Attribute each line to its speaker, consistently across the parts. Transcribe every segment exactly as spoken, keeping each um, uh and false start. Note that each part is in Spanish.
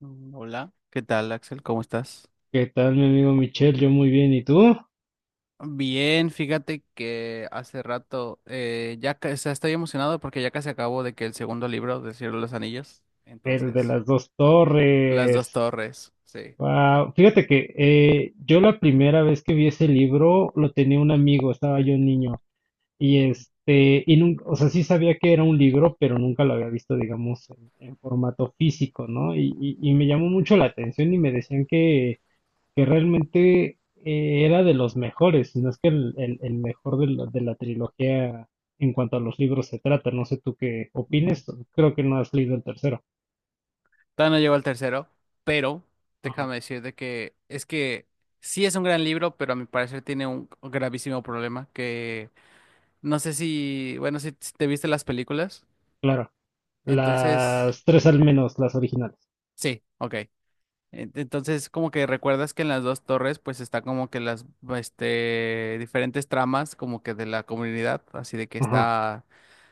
Speaker 1: Mm, Hola, ¿qué tal, Axel? ¿Cómo estás?
Speaker 2: ¿Qué tal, mi amigo Michel? Yo muy bien, ¿y tú?
Speaker 1: Bien, fíjate que hace rato eh, ya ca- o sea, estoy emocionado porque ya casi acabo de que el segundo libro de Cielo de los Anillos,
Speaker 2: El de
Speaker 1: entonces,
Speaker 2: las dos
Speaker 1: Las dos
Speaker 2: torres.
Speaker 1: torres, sí.
Speaker 2: Wow. Fíjate que eh, yo la primera vez que vi ese libro lo tenía un amigo, estaba yo niño, y
Speaker 1: Ujú,
Speaker 2: este, y nunca, o sea, sí sabía que era un libro, pero nunca lo había visto, digamos, en, en formato físico, ¿no? Y, y- y me llamó mucho la atención y me decían que que realmente eh, era de los mejores, si no es que el, el- el mejor de la, de la trilogía en cuanto a los libros se trata. No sé tú qué
Speaker 1: ujú.
Speaker 2: opines, creo que no has leído el tercero.
Speaker 1: Todavía no llego al tercero, pero
Speaker 2: Ajá,
Speaker 1: déjame decirte que es que sí es un gran libro, pero a mi parecer tiene un gravísimo problema que no sé si, bueno, si si te viste las películas,
Speaker 2: claro.
Speaker 1: entonces,
Speaker 2: Las tres al menos, las originales.
Speaker 1: sí, ok. En- Entonces, como que recuerdas que en las dos torres, pues está como que las, este, diferentes tramas como que de la comunidad, así de que
Speaker 2: Ajá,
Speaker 1: está,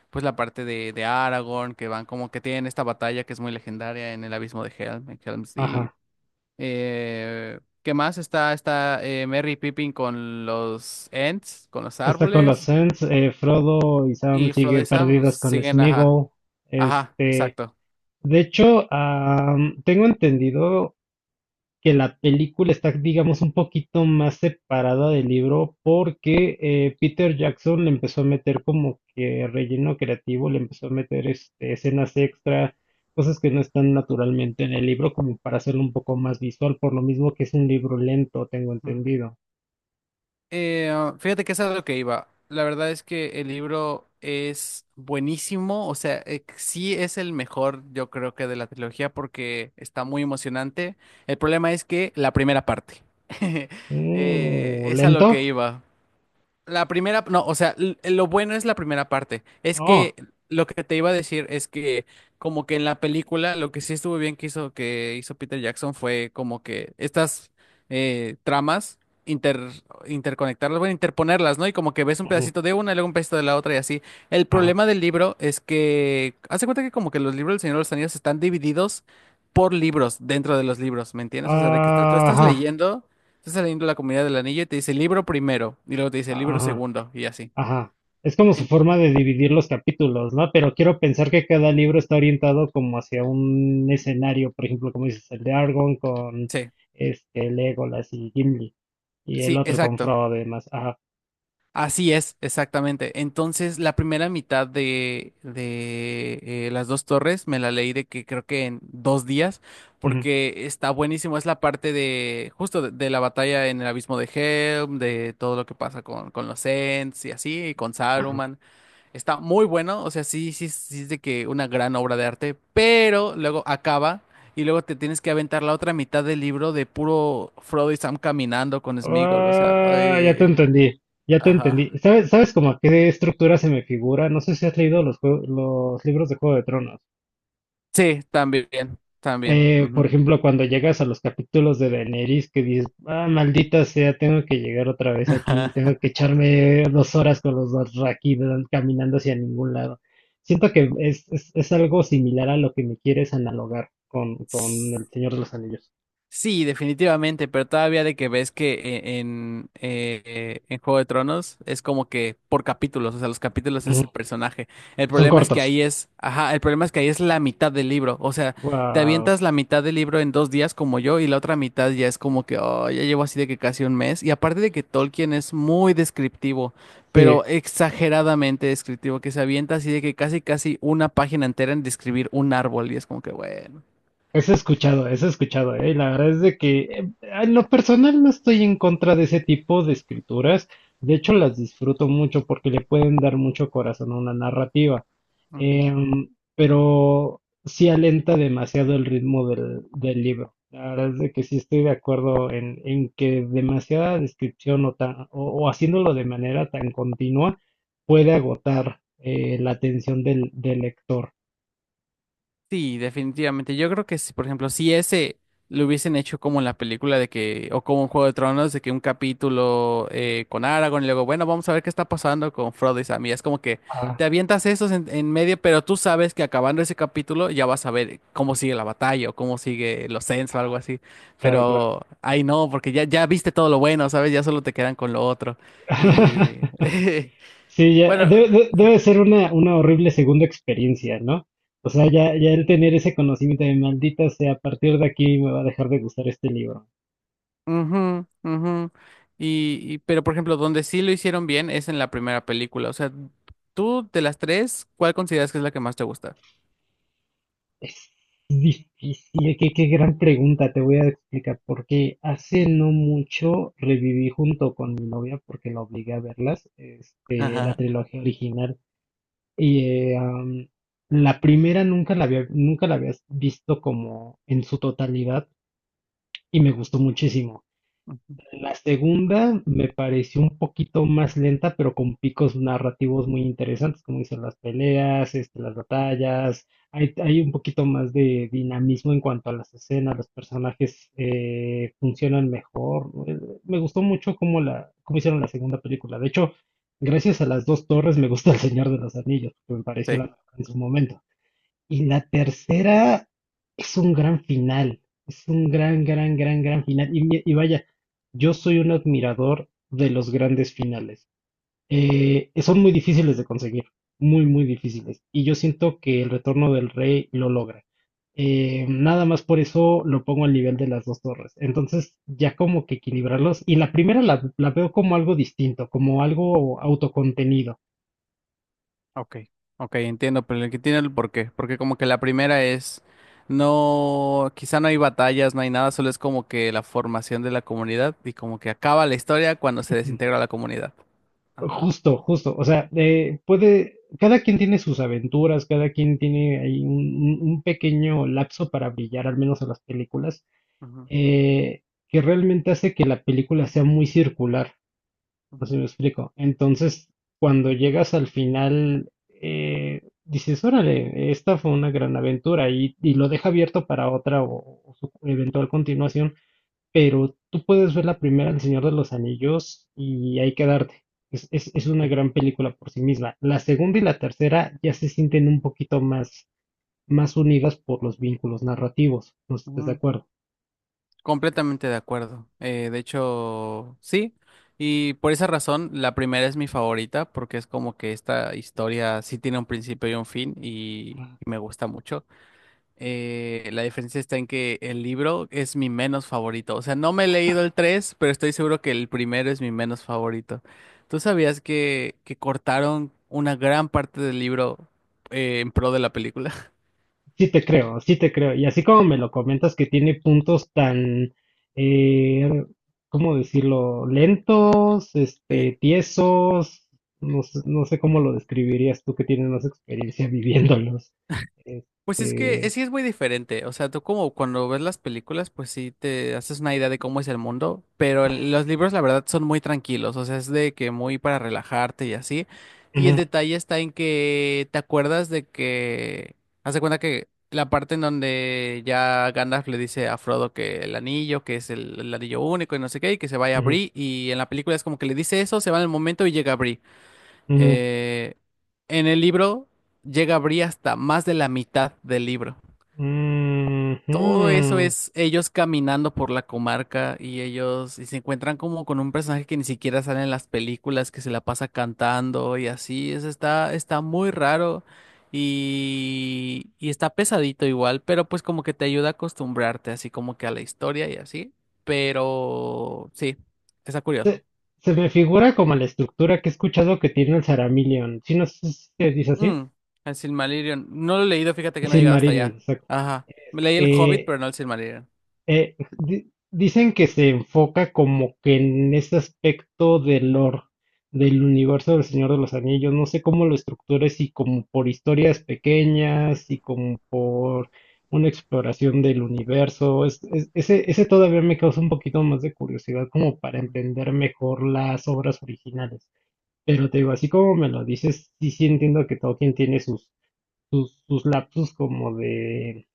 Speaker 1: pues la parte de, de Aragorn, que van como que tienen esta batalla que es muy legendaria en el abismo de Helm, en Helm's Deep.
Speaker 2: ajá.
Speaker 1: Eh, ¿qué más? Está, está eh, Merry y Pippin con los Ents, con los
Speaker 2: Está con los
Speaker 1: árboles,
Speaker 2: Ents, eh, Frodo y Sam
Speaker 1: y Frodo
Speaker 2: siguen
Speaker 1: y Sam, pues
Speaker 2: perdidas con
Speaker 1: siguen, ajá,
Speaker 2: Sméagol.
Speaker 1: ajá,
Speaker 2: Este,
Speaker 1: exacto.
Speaker 2: de hecho, am, tengo entendido que la película está, digamos, un poquito más separada del libro porque eh, Peter Jackson le empezó a meter como que relleno creativo, le empezó a meter este, escenas extra, cosas que no están naturalmente en el libro, como para hacerlo un poco más visual, por lo mismo que es un libro lento, tengo entendido.
Speaker 1: Eh, ah, fíjate que eso es a lo que iba. La verdad es que el libro es buenísimo, o sea, eh, sí es el mejor, yo creo que de la trilogía porque está muy emocionante. El problema es que la primera parte. Eh,
Speaker 2: Mm,
Speaker 1: es a lo que
Speaker 2: ¿lento?
Speaker 1: iba. La primera, no, o sea, l- lo bueno es la primera parte. Es
Speaker 2: Oh,
Speaker 1: que lo que te iba a decir es que como que en la película lo que sí estuvo bien que hizo que hizo Peter Jackson fue como que estas eh, tramas inter interconectarlas, bueno, interponerlas, ¿no? Y como que ves un
Speaker 2: ujú,
Speaker 1: pedacito de una y luego un pedacito de la otra y así. El
Speaker 2: ajá,
Speaker 1: problema del libro es que hace cuenta que como que los libros del Señor de los Anillos están divididos por libros dentro de los libros, ¿me entiendes? O sea, de que estás- tú estás
Speaker 2: ajá,
Speaker 1: leyendo. Estás saliendo de la comunidad del anillo y te dice libro primero, y luego te dice libro
Speaker 2: ajá,
Speaker 1: segundo, y así.
Speaker 2: ajá. Es como su
Speaker 1: En-
Speaker 2: forma de dividir los capítulos, ¿no? Pero quiero pensar que cada libro está orientado como hacia un escenario, por ejemplo, como dices, el de Argon con
Speaker 1: sí,
Speaker 2: este Legolas y Gimli, y el
Speaker 1: sí,
Speaker 2: otro con
Speaker 1: exacto.
Speaker 2: Frodo y demás. Ajá.
Speaker 1: Así es, exactamente. Entonces, la primera mitad de, de eh, Las Dos Torres me la leí de que creo que en dos días,
Speaker 2: Ujú,
Speaker 1: porque está buenísimo. Es la parte de, justo de, de la batalla en el abismo de Helm, de todo lo que pasa con, con los Ents y así, y con
Speaker 2: ajá.
Speaker 1: Saruman. Está muy bueno, o sea, sí, sí, sí es de que una gran obra de arte, pero luego acaba y luego te tienes que aventar la otra mitad del libro de puro Frodo y Sam caminando con Sméagol, o sea,
Speaker 2: Ah, ya te
Speaker 1: ay,
Speaker 2: entendí. Ya te
Speaker 1: ajá.
Speaker 2: entendí. ¿Sabes, sabes como a qué estructura se me figura? No sé si has leído los jue- los libros de Juego de Tronos.
Speaker 1: Sí, también, también.
Speaker 2: Eh, por ejemplo, cuando llegas a los capítulos de Daenerys que dices, ah, maldita sea, tengo que llegar otra vez aquí, tengo que echarme dos horas con los Dothraki dan- caminando hacia ningún lado. Siento que es, es, es algo similar a lo que me quieres analogar con,
Speaker 1: Ujú.
Speaker 2: con El Señor de los Anillos.
Speaker 1: Sí, definitivamente, pero todavía de que ves que e- en, eh, eh, en Juego de Tronos es como que por capítulos, o sea, los capítulos
Speaker 2: Ujú.
Speaker 1: es el personaje. El
Speaker 2: Y son
Speaker 1: problema es que
Speaker 2: cortos.
Speaker 1: ahí es, ajá, el problema es que ahí es la mitad del libro, o sea, te
Speaker 2: Wow.
Speaker 1: avientas la mitad del libro en dos días como yo y la otra mitad ya es como que, oh, ya llevo así de que casi un mes. Y aparte de que Tolkien es muy descriptivo,
Speaker 2: Sí.
Speaker 1: pero exageradamente descriptivo, que se avienta así de que casi casi una página entera en describir un árbol y es como que, bueno.
Speaker 2: Eso he escuchado, eso he escuchado, ¿eh? La verdad es de que eh, en lo personal no estoy en contra de ese tipo de escrituras. De hecho, las disfruto mucho porque le pueden dar mucho corazón a una narrativa. Em, pero sí alenta demasiado el ritmo del, del libro. La verdad es de que sí estoy de acuerdo en, en que demasiada descripción o, ta- o, o haciéndolo de manera tan continua puede agotar eh, la atención del, del lector.
Speaker 1: Sí, definitivamente. Yo creo que si, por ejemplo, si ese lo hubiesen hecho como en la película de que, o como en Juego de Tronos, de que un capítulo eh, con Aragorn y luego, bueno, vamos a ver qué está pasando con Frodo y Sam. Y es como que
Speaker 2: Ah,
Speaker 1: te avientas esos en, en medio, pero tú sabes que acabando ese capítulo ya vas a ver cómo sigue la batalla o cómo sigue los Ents o algo así.
Speaker 2: claro, claro.
Speaker 1: Pero ahí no, porque ya, ya viste todo lo bueno, ¿sabes? Ya solo te quedan con lo otro. Y
Speaker 2: Sí, ya,
Speaker 1: bueno.
Speaker 2: debe, de- debe ser una, una horrible segunda experiencia, ¿no? O sea, ya, ya el tener ese conocimiento de maldita sea, a partir de aquí me va a dejar de gustar este libro.
Speaker 1: Ujú, ujú. Y, y- pero por ejemplo, donde sí lo hicieron bien es en la primera película. O sea, tú de las tres, ¿cuál consideras que es la que más te gusta?
Speaker 2: Es difícil, qué, qué gran pregunta, te voy a explicar, porque hace
Speaker 1: Ujú.
Speaker 2: no mucho reviví junto con mi novia, porque la obligué a verlas, este, la trilogía original, y eh, am, la primera nunca la había, nunca la había visto como en su totalidad, y me gustó muchísimo.
Speaker 1: Ujú.
Speaker 2: La segunda me pareció un poquito más lenta, pero con picos narrativos muy interesantes, como dicen las peleas, este, las batallas. Hay, hay un poquito más de dinamismo en cuanto a las escenas, los personajes eh, funcionan mejor. Eh, Me gustó mucho cómo, la, cómo hicieron la segunda película. De hecho, gracias a las dos torres me gusta El Señor de los Anillos, que me pareció
Speaker 1: Sí.
Speaker 2: la mejor en su momento. Y la tercera es un gran final, es un gran, gran, gran, gran final. Y, mi- y vaya, yo soy un admirador de los grandes finales. Eh, son muy difíciles de conseguir, muy, muy
Speaker 1: Ujú.
Speaker 2: difíciles. Y yo siento que el retorno del rey lo logra. Eh, nada más por eso lo pongo al nivel de las dos torres. Entonces, ya como que equilibrarlos. Y la primera la, la veo como algo distinto, como algo autocontenido.
Speaker 1: Ok, ok, entiendo, pero el que tiene el porqué, porque como que la primera es, no, quizá no hay batallas, no hay nada, solo es como que la formación de la comunidad y como que acaba la historia cuando se desintegra la comunidad. Ajá.
Speaker 2: Justo, justo. O sea, eh, puede, cada quien tiene sus aventuras, cada quien tiene ahí un, un- un pequeño lapso para brillar, al menos en las películas,
Speaker 1: Ujú.
Speaker 2: eh, que realmente hace que la película sea muy circular, no sé si
Speaker 1: Ujú.
Speaker 2: me explico. Entonces, cuando llegas al final, eh, dices, órale, esta fue una gran aventura y, y lo deja abierto para otra o, o su eventual continuación, pero tú puedes ver la primera, El Señor de los Anillos, y ahí quedarte. Es, es, es una gran película por sí misma. La segunda y la tercera ya se sienten un poquito más, más unidas por los vínculos narrativos. No sé si estás de
Speaker 1: Sí.
Speaker 2: acuerdo.
Speaker 1: Completamente de acuerdo. Eh, de hecho, sí. Y por esa razón, la primera es mi favorita, porque es como que esta historia sí tiene un principio y un fin, y,
Speaker 2: Ajá.
Speaker 1: y me gusta mucho. Eh, la diferencia está en que el libro es mi menos favorito. O sea, no me he leído el tres pero estoy seguro que el primero es mi menos favorito. ¿Tú sabías que, que cortaron una gran parte del libro eh, en pro de la película?
Speaker 2: Sí te creo, sí te creo. Y así como me lo comentas que tiene puntos tan, eh, ¿cómo decirlo? Lentos,
Speaker 1: Sí.
Speaker 2: este, tiesos, no, sé- no sé cómo lo describirías tú que tienes más experiencia viviéndolos.
Speaker 1: Pues es que es,
Speaker 2: Este,
Speaker 1: sí es muy diferente, o sea, tú como cuando ves las películas, pues sí te haces una idea de cómo es el mundo, pero el- los libros la verdad son muy tranquilos, o sea, es de que muy para relajarte y así, y el
Speaker 2: ujú,
Speaker 1: detalle está en que te acuerdas de que, haz de cuenta que la parte en donde ya Gandalf le dice a Frodo que el anillo, que es el, el anillo único y no sé qué, y que se vaya a
Speaker 2: ujú,
Speaker 1: Bree, y en la película es como que le dice eso, se va en el momento y llega a
Speaker 2: ujú,
Speaker 1: eh, en el libro llega a abrir hasta más de la mitad del libro. Todo eso
Speaker 2: ujú.
Speaker 1: es ellos caminando por la comarca y ellos y se encuentran como con un personaje que ni siquiera sale en las películas, que se la pasa cantando y así. Eso está, está muy raro y, y está pesadito igual, pero pues como que te ayuda a acostumbrarte así como que a la historia y así. Pero sí, está curioso.
Speaker 2: Se, se me figura como la estructura que he escuchado que tiene el Saramillion. Si no sé si se dice así.
Speaker 1: Mm, el Silmarillion. No lo he leído, fíjate que no he llegado hasta
Speaker 2: Silmarillion,
Speaker 1: allá.
Speaker 2: exacto.
Speaker 1: Ajá. Me leí el Hobbit,
Speaker 2: Eh,
Speaker 1: pero no el Silmarillion.
Speaker 2: Eh, di- dicen que se enfoca como que en ese aspecto del lore, del universo del Señor de los Anillos. No sé cómo lo estructura, si como por historias pequeñas, si como por una exploración del universo. Es- es- ese, ese todavía me causa un poquito más de curiosidad como para
Speaker 1: Ujú.
Speaker 2: entender mejor las obras originales. Pero te digo, así como me lo dices, sí, sí entiendo que Tolkien tiene sus, sus, sus lapsus como de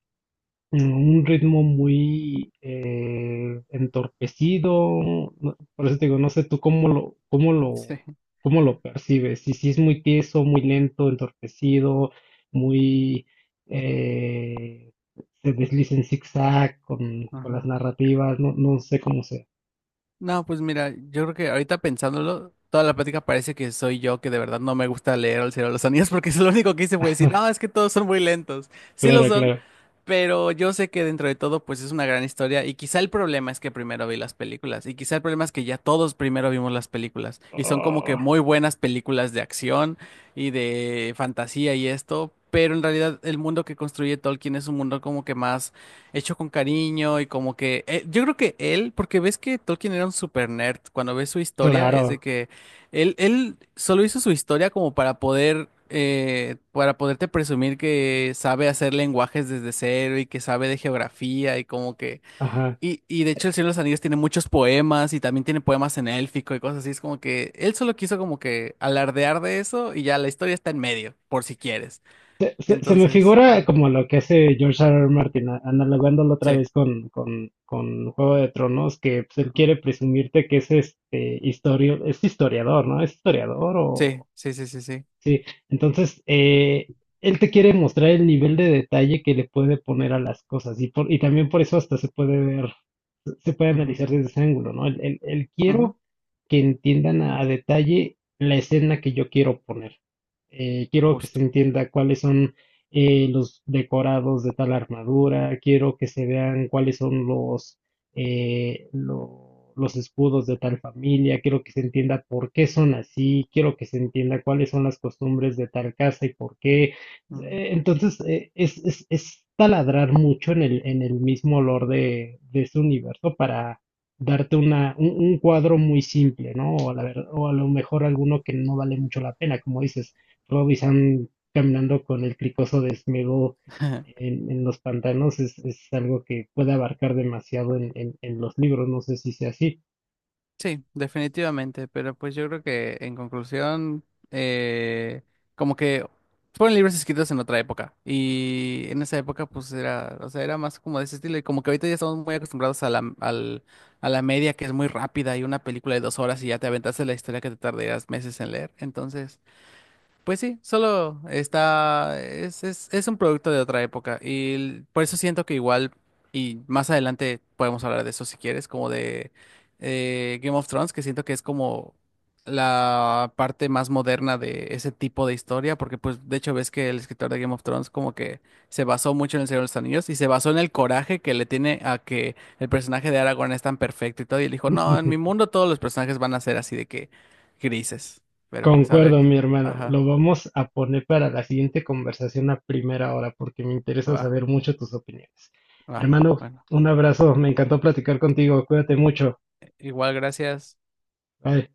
Speaker 2: en un ritmo muy eh, entorpecido. no- Por eso te digo, no sé tú cómo lo, cómo
Speaker 1: Sí.
Speaker 2: lo, cómo lo percibes. Si, si es muy tieso, muy lento, entorpecido, muy eh, se desliza en zigzag con, con las
Speaker 1: Ajá.
Speaker 2: narrativas, no, no sé cómo sea.
Speaker 1: No, pues mira, yo creo que ahorita pensándolo, toda la plática parece que soy yo que de verdad no me gusta leer El Señor de los Anillos porque es lo único que hice fue decir, no, es que todos son muy lentos. Sí lo
Speaker 2: Claro,
Speaker 1: son,
Speaker 2: claro.
Speaker 1: pero yo sé que dentro de todo pues es una gran historia y quizá el problema es que primero vi las películas y quizá el problema es que ya todos primero vimos las películas y son como que
Speaker 2: Oh,
Speaker 1: muy buenas películas de acción y de fantasía y esto, pero en realidad el mundo que construye Tolkien es un mundo como que más hecho con cariño y como que eh, yo creo que él, porque ves que Tolkien era un super nerd, cuando ves su historia es de
Speaker 2: claro.
Speaker 1: que él, él solo hizo su historia como para poder eh, para poderte presumir que sabe hacer lenguajes desde cero y que sabe de geografía y como que
Speaker 2: Ajá.
Speaker 1: y, y de hecho El Señor de los Anillos tiene muchos poemas y también tiene poemas en élfico y cosas así, es como que él solo quiso como que alardear de eso y ya la historia está en medio, por si quieres.
Speaker 2: Se, se- se me
Speaker 1: Entonces,
Speaker 2: figura como lo que hace George R. R. Martin, a- analogándolo otra
Speaker 1: sí,
Speaker 2: vez con, con, con Juego de Tronos, que pues, él
Speaker 1: mm,
Speaker 2: quiere presumirte que es este historio, es historiador, ¿no? Es historiador
Speaker 1: sí,
Speaker 2: o
Speaker 1: sí, sí, sí, sí.
Speaker 2: sí. Entonces, eh, él te quiere mostrar el nivel de detalle que le puede poner a las cosas, y por, y también por eso hasta se puede ver se puede
Speaker 1: Ujú.
Speaker 2: analizar desde ese ángulo, ¿no? El, el- el
Speaker 1: Ujú,
Speaker 2: quiero que entiendan a, a detalle la escena que yo quiero poner. Eh, quiero que se
Speaker 1: Justo.
Speaker 2: entienda cuáles son eh, los decorados de tal armadura, quiero que se vean cuáles son los, eh, lo- los escudos de tal familia, quiero que se entienda por qué son así, quiero que se entienda cuáles son las costumbres de tal casa y por qué,
Speaker 1: Ujú.
Speaker 2: eh, entonces, eh, es, es, es taladrar mucho en el, en el mismo olor de, de ese universo para darte una, un, un cuadro muy simple, ¿no? O a la ver- o a lo mejor alguno que no vale mucho la pena, como dices, Rob y Sam caminando con el cricoso desnudo en, en los pantanos es, es algo que puede abarcar demasiado en, en, en los libros, no sé si sea así.
Speaker 1: Sí, definitivamente, pero pues yo creo que en conclusión, eh, como que fueron libros escritos en otra época y en esa época pues era, o sea, era más como de ese estilo y como que ahorita ya estamos muy acostumbrados a la, al- a la media que es muy rápida y una película de dos horas y ya te aventaste la historia que te tardarías meses en leer, entonces... Pues sí, solo está, es, es, es un producto de otra época y l- por eso siento que igual, y más adelante podemos hablar de eso si quieres, como de eh, Game of Thrones, que siento que es como la parte más moderna de ese tipo de historia, porque pues de hecho ves que el escritor de Game of Thrones como que se basó mucho en El Señor de los Anillos y se basó en el coraje que le tiene a que el personaje de Aragorn es tan perfecto y todo, y él dijo, no, en mi mundo todos los personajes van a ser así de que grises, pero pues a ver,
Speaker 2: Concuerdo, mi hermano.
Speaker 1: ajá.
Speaker 2: Lo vamos a poner para la siguiente conversación a primera hora, porque me interesa
Speaker 1: Va,
Speaker 2: saber mucho tus opiniones.
Speaker 1: va.
Speaker 2: Hermano,
Speaker 1: Bueno,
Speaker 2: un abrazo. Me encantó platicar contigo. Cuídate mucho.
Speaker 1: igual gracias.
Speaker 2: Bye.